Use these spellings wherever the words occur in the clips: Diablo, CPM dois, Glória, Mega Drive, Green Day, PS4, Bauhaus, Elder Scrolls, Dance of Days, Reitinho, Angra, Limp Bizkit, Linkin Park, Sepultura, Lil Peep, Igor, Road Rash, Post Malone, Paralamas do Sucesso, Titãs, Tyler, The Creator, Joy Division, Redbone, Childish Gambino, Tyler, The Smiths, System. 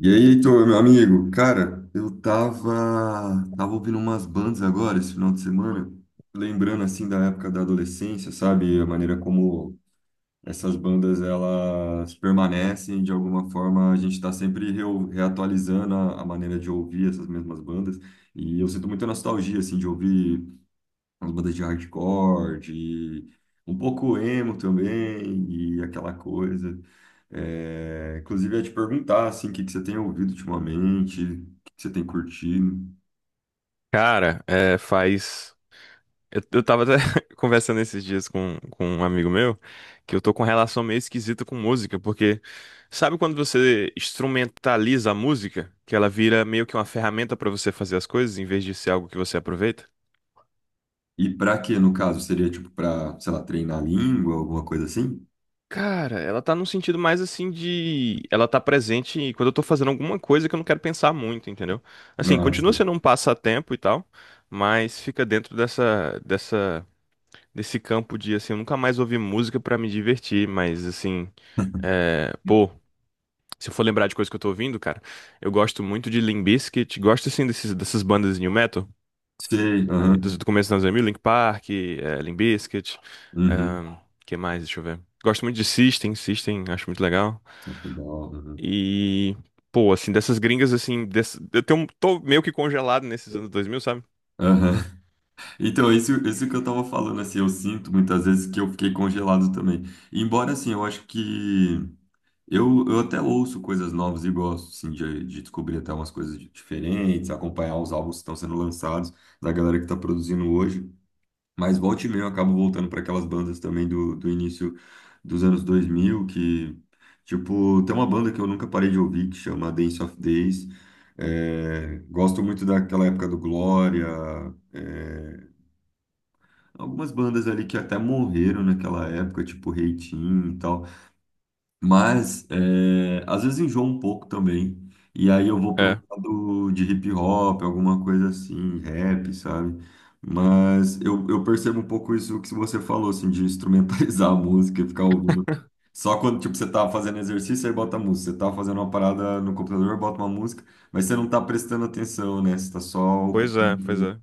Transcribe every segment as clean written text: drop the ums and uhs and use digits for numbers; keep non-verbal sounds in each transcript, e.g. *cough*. E aí, Heitor, meu amigo, cara, eu tava ouvindo umas bandas agora esse final de semana, lembrando assim da época da adolescência, sabe? A maneira como essas bandas elas permanecem, de alguma forma a gente tá sempre reatualizando a maneira de ouvir essas mesmas bandas. E eu sinto muita nostalgia assim de ouvir umas bandas de hardcore, de um pouco emo também, e aquela coisa. É, inclusive, eu ia te perguntar, assim, o que que você tem ouvido ultimamente, o que que você tem curtido, Cara, é, faz. Eu tava até *laughs* conversando esses dias com um amigo meu que eu tô com relação meio esquisita com música, porque sabe quando você instrumentaliza a música, que ela vira meio que uma ferramenta pra você fazer as coisas em vez de ser algo que você aproveita? e pra quê, no caso? Seria, tipo, pra, sei lá, treinar a língua, alguma coisa assim? Cara, ela tá num sentido mais assim de. Ela tá presente quando eu tô fazendo alguma coisa que eu não quero pensar muito, entendeu? Assim, continua Nossa, sendo um passatempo e tal, mas fica dentro dessa, nesse campo de, assim, eu nunca mais ouvi música pra me divertir, mas, assim, é, pô, se eu for lembrar de coisa que eu tô ouvindo, cara, eu gosto muito de Limp Bizkit, gosto, assim, dessas bandas de new metal, sei, ali, aham, do começo dos anos dois mil, Linkin Park, é, Limp Bizkit, uhum. ahn, que mais, deixa eu ver. Gosto muito de System, System, acho muito legal. Só foi da hora, aham. E, pô, assim, dessas gringas, assim, eu tenho, tô meio que congelado nesses anos dois mil, sabe? Aham. Então, isso que eu tava falando, assim, eu sinto muitas vezes que eu fiquei congelado também. Embora, assim, eu acho que eu até ouço coisas novas e gosto, sim, de descobrir até umas coisas diferentes, acompanhar os álbuns que estão sendo lançados, da galera que está produzindo hoje. Mas volta e meia eu acabo voltando para aquelas bandas também do, do início dos anos 2000 que, tipo, tem uma banda que eu nunca parei de ouvir, que chama Dance of Days. É, gosto muito daquela época do Glória, é, algumas bandas ali que até morreram naquela época, tipo Reitinho e tal. Mas é, às vezes enjoa um pouco também. E aí eu vou para um É, lado de hip hop, alguma coisa assim, rap, sabe? Mas eu percebo um pouco isso que você falou, assim, de instrumentalizar *laughs* a música e ficar ouvindo. Só quando, tipo, você tá fazendo exercício, aí bota a música. Você tá fazendo uma parada no computador, bota uma música, mas você não tá prestando atenção, né? Você tá só pois é, pois ocupando. é.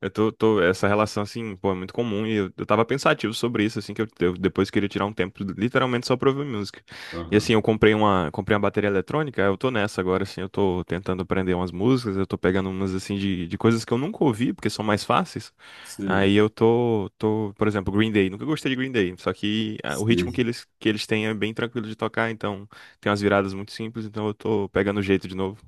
Eu essa relação, assim, pô, é muito comum e eu tava pensativo sobre isso, assim, que eu depois queria tirar um tempo literalmente só pra ouvir música. E Aham. assim, eu comprei uma bateria eletrônica, eu tô nessa agora, assim, eu tô tentando aprender umas músicas, eu tô pegando umas, assim, de coisas que eu nunca ouvi, porque são mais fáceis. Sim, Aí eu por exemplo, Green Day, nunca gostei de Green Day, só que ah, o ritmo sim. Que eles têm é bem tranquilo de tocar, então tem umas viradas muito simples, então eu tô pegando o jeito de novo.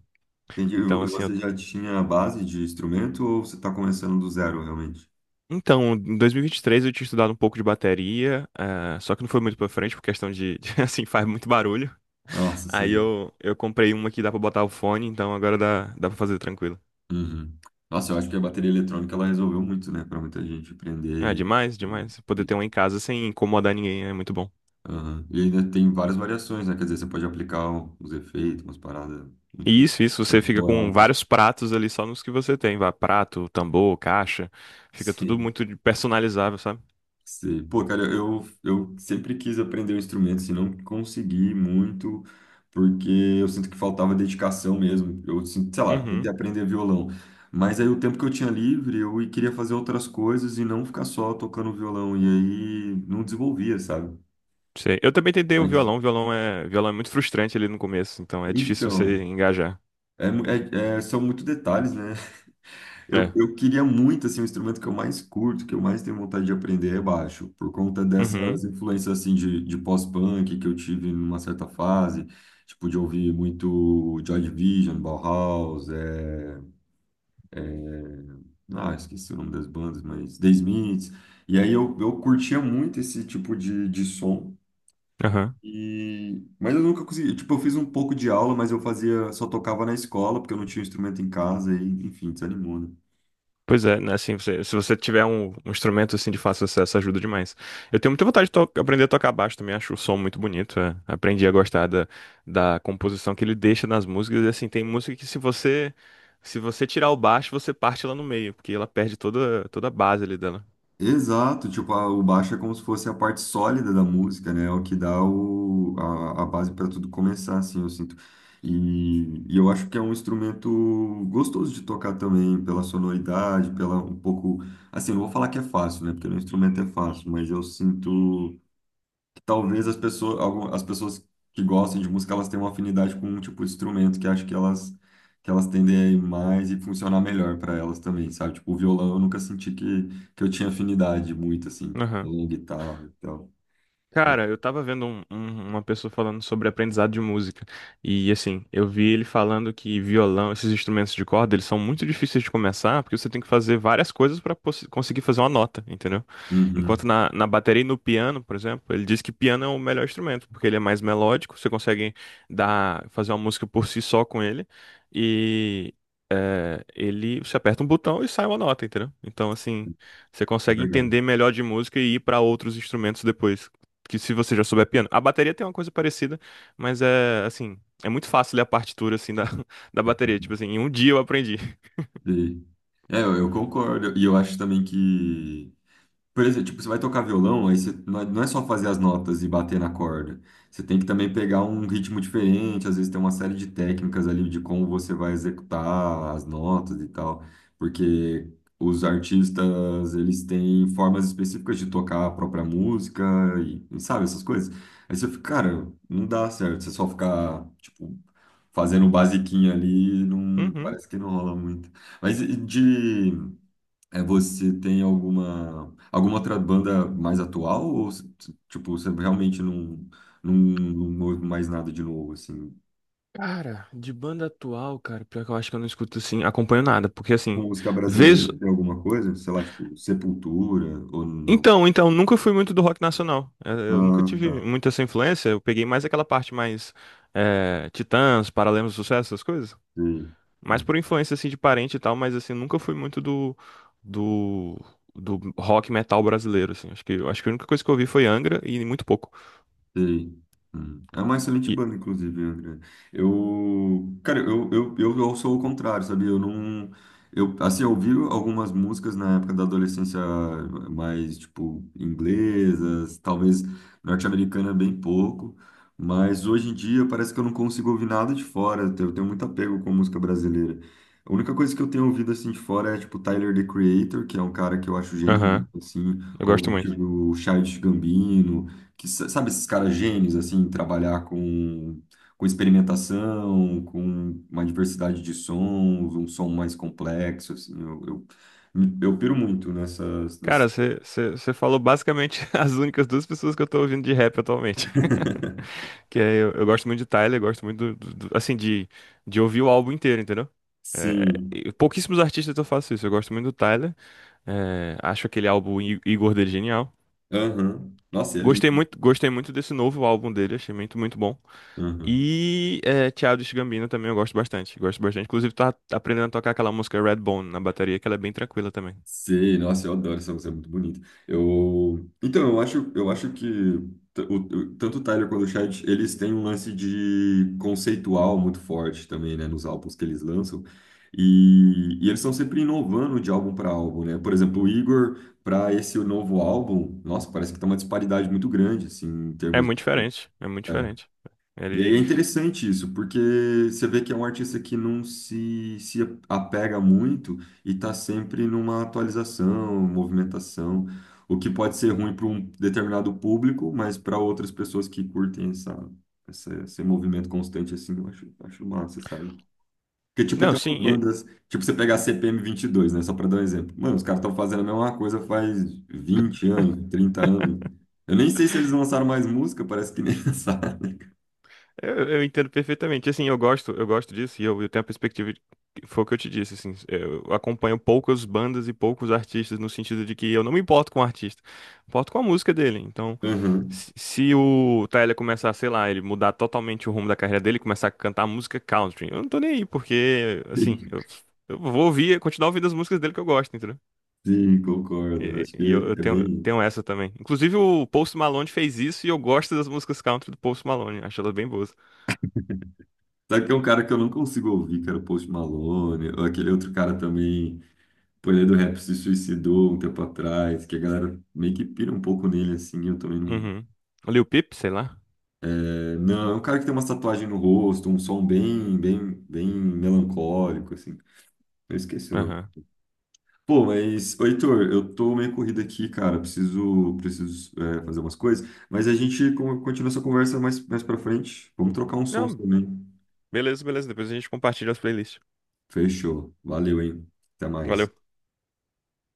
Entendi. Então, assim, eu. Você já tinha a base de instrumento ou você tá começando do zero, realmente? Então, em 2023 eu tinha estudado um pouco de bateria, só que não foi muito pra frente por questão de, *laughs* de, assim, faz muito barulho. Nossa, Aí sim. Eu comprei uma que dá pra botar o fone, então agora dá, dá pra fazer tranquilo. Uhum. Nossa, eu acho que a bateria eletrônica ela resolveu muito, né, para muita gente aprender Ah, é e, demais, e, demais. Poder ter e- uma em casa sem incomodar ninguém é muito bom. aham. E ainda tem várias variações, né? Quer dizer, você pode aplicar os efeitos, umas paradas, E enfim, isso, você pode fica explorar com outras. vários pratos ali só nos que você tem, vá, prato, tambor, caixa, fica tudo Sim. muito personalizável, sabe? Sei. Pô, cara, eu sempre quis aprender um instrumento, assim, não consegui muito, porque eu sinto que faltava dedicação mesmo. Eu sinto, sei lá, tentei Uhum. aprender violão. Mas aí o tempo que eu tinha livre, eu queria fazer outras coisas e não ficar só tocando violão. E aí não desenvolvia, sabe? Sei. Eu também tentei Mas, o violão é muito frustrante ali no começo, então é difícil você então, engajar. é, são muitos detalhes, né? Eu, É. eu queria muito, assim, o instrumento que eu mais curto, que eu mais tenho vontade de aprender é baixo, por conta dessas Uhum. influências, assim, de pós-punk que eu tive numa certa fase, tipo, de ouvir muito Joy Division, Bauhaus, ah, esqueci o nome das bandas, mas The Smiths, e aí eu curtia muito esse tipo de som, Aham. e... mas eu nunca consegui, tipo, eu fiz um pouco de aula, mas eu fazia, só tocava na escola, porque eu não tinha instrumento em casa, e, enfim, desanimou, né? Pois é, né? Assim, você- se você tiver um instrumento assim de fácil acesso, ajuda demais. Eu tenho muita vontade de aprender a tocar baixo também, acho o som muito bonito. É. Aprendi a gostar da, da composição que ele deixa nas músicas. E assim, tem música que se você tirar o baixo, você parte ela no meio, porque ela perde toda, toda a base ali dela. Exato, tipo, o baixo é como se fosse a parte sólida da música, né? É o que dá a base para tudo começar, assim, eu sinto. E eu acho que é um instrumento gostoso de tocar também, pela sonoridade, pela um pouco. Assim, não vou falar que é fácil, né? Porque no instrumento é fácil, mas eu sinto talvez as pessoas, algumas, as pessoas que gostem de música, elas têm uma afinidade com um tipo de instrumento que acho que elas tendem a ir mais e funcionar melhor para elas também, sabe? Tipo, o violão eu nunca senti que eu tinha afinidade muito, assim, tipo, violão, guitarra e tal. Cara, eu tava vendo uma pessoa falando sobre aprendizado de música. E assim, eu vi ele falando que violão, esses instrumentos de corda, eles são muito difíceis de começar, porque você tem que fazer várias coisas para conseguir fazer uma nota, entendeu? Uhum, Enquanto na bateria e no piano, por exemplo, ele diz que piano é o melhor instrumento, porque ele é mais melódico, você consegue dar, fazer uma música por si só com ele, e você aperta um botão e sai uma nota, entendeu? Então, assim, você é consegue verdade. entender melhor de música e ir para outros instrumentos depois, que se você já souber piano. A bateria tem uma coisa parecida, mas é, assim, é muito fácil ler a partitura, assim, da, *laughs* da bateria, tipo assim, em um dia eu aprendi. E- eu concordo. E eu acho também que por exemplo, tipo, você vai tocar violão, aí você não é só fazer as notas e bater na corda. Você tem que também pegar um ritmo diferente, às vezes tem uma série de técnicas ali de como você vai executar as notas e tal, porque os artistas, eles têm formas específicas de tocar a própria música e sabe, essas coisas. Aí você fica, cara, não dá certo, você só ficar, tipo, fazendo um basiquinho ali, não, Uhum. parece que não rola muito. Mas e de você tem alguma outra banda mais atual ou tipo você realmente não ouve mais nada de novo assim? Cara, de banda atual, cara, pior que eu acho que eu não escuto assim, acompanho nada, porque Com assim, música vez. brasileira tem alguma coisa? Sei lá, tipo Sepultura ou não? Então, então, nunca fui muito do rock nacional. Eu nunca Ah, tá. tive muita essa influência. Eu peguei mais aquela parte mais Titãs, Paralamas do Sucesso, essas coisas. Sim. Mais por influência assim de parente e tal, mas assim, nunca fui muito do do rock metal brasileiro assim. Acho que eu acho que a única coisa que eu ouvi foi Angra e muito pouco. Sei. Hum. É uma excelente E banda, inclusive, André. Eu, cara, eu sou o contrário, sabe? Eu não, eu, assim, eu ouvi algumas músicas na época da adolescência mais, tipo, inglesas, talvez norte-americana bem pouco, mas hoje em dia parece que eu não consigo ouvir nada de fora, eu tenho muito apego com música brasileira. A única coisa que eu tenho ouvido, assim, de fora é, tipo, Tyler, The Creator, que é um cara que eu acho genial, aham, assim, eu ou, gosto muito. tipo, o Childish Gambino, que sabe esses caras gênios assim, em trabalhar com experimentação, com uma diversidade de sons, um som mais complexo assim. Eu piro muito nessas nesse... Cara, você falou basicamente *laughs* as únicas duas pessoas que eu tô ouvindo de rap atualmente. Que é, eu gosto muito de Tyler, gosto muito do, assim, de ouvir o álbum inteiro, entendeu? É, Sim. e pouquíssimos artistas eu faço isso. Eu gosto muito do Tyler. É, acho aquele álbum Igor dele genial. Aham. Nossa, é lindo. Gostei muito desse novo álbum dele, achei muito, muito bom. Aham. E é, Childish Gambino também eu gosto bastante. Gosto bastante. Inclusive, tá aprendendo a tocar aquela música Redbone na bateria, que ela é bem tranquila também. Sei, nossa, eu adoro essa música, é muito bonita. Eu, então, eu acho que tanto o Tyler quanto o Chad, eles têm um lance de conceitual muito forte também, né, nos álbuns que eles lançam. E eles estão sempre inovando de álbum para álbum, né? Por exemplo, o Igor, para esse novo álbum, nossa, parece que tá uma disparidade muito grande, assim, em É termos muito diferente, é muito diferente. e aí Ele... é interessante isso, porque você vê que é um artista que se apega muito e está sempre numa atualização, movimentação, o que pode ser ruim para um determinado público, mas para outras pessoas que curtem esse movimento constante, assim, acho massa, sabe? Porque, tipo, Não, tem umas sim, bandas, tipo, você pegar a CPM22 dois, né, só para dar um exemplo. Mano, os caras estão fazendo a mesma coisa faz 20 anos, 30 anos. Eu nem sei se eles lançaram mais música, parece que nem *laughs* lançaram. eu entendo perfeitamente. Assim, eu gosto disso e eu tenho a perspectiva de, foi o que eu te disse, assim, eu acompanho poucas bandas e poucos artistas no sentido de que eu não me importo com o artista, me importo com a música dele. Então, se o Tyler começar, sei lá, ele mudar totalmente o rumo da carreira dele, e começar a cantar música country, eu não tô nem aí, porque assim, Sim, eu vou ouvir, continuar ouvindo as músicas dele que eu gosto, entendeu? sim, concordo. Acho E que eu é tenho, bem isso. tenho essa também. Inclusive o Post Malone fez isso e eu gosto das músicas country do Post Malone, acho elas bem boas. Sabe que é um cara que eu não consigo ouvir, que era o Post Malone, ou aquele outro cara também, pô, ele é do rap, se suicidou um tempo atrás, que a galera meio que pira um pouco nele, assim, eu também não... Uhum. Lil Peep, sei lá. É, não, é um cara que tem uma tatuagem no rosto, um som bem, bem, bem melancólico, assim. Eu esqueci o nome. Aham. Pô, mas, ô, Heitor, eu tô meio corrido aqui, cara, preciso fazer umas coisas, mas a gente continua essa conversa mais, mais pra frente. Vamos trocar um som Não, também. beleza, beleza. Depois a gente compartilha as playlists. Fechou. Valeu, hein? Até mais. Valeu.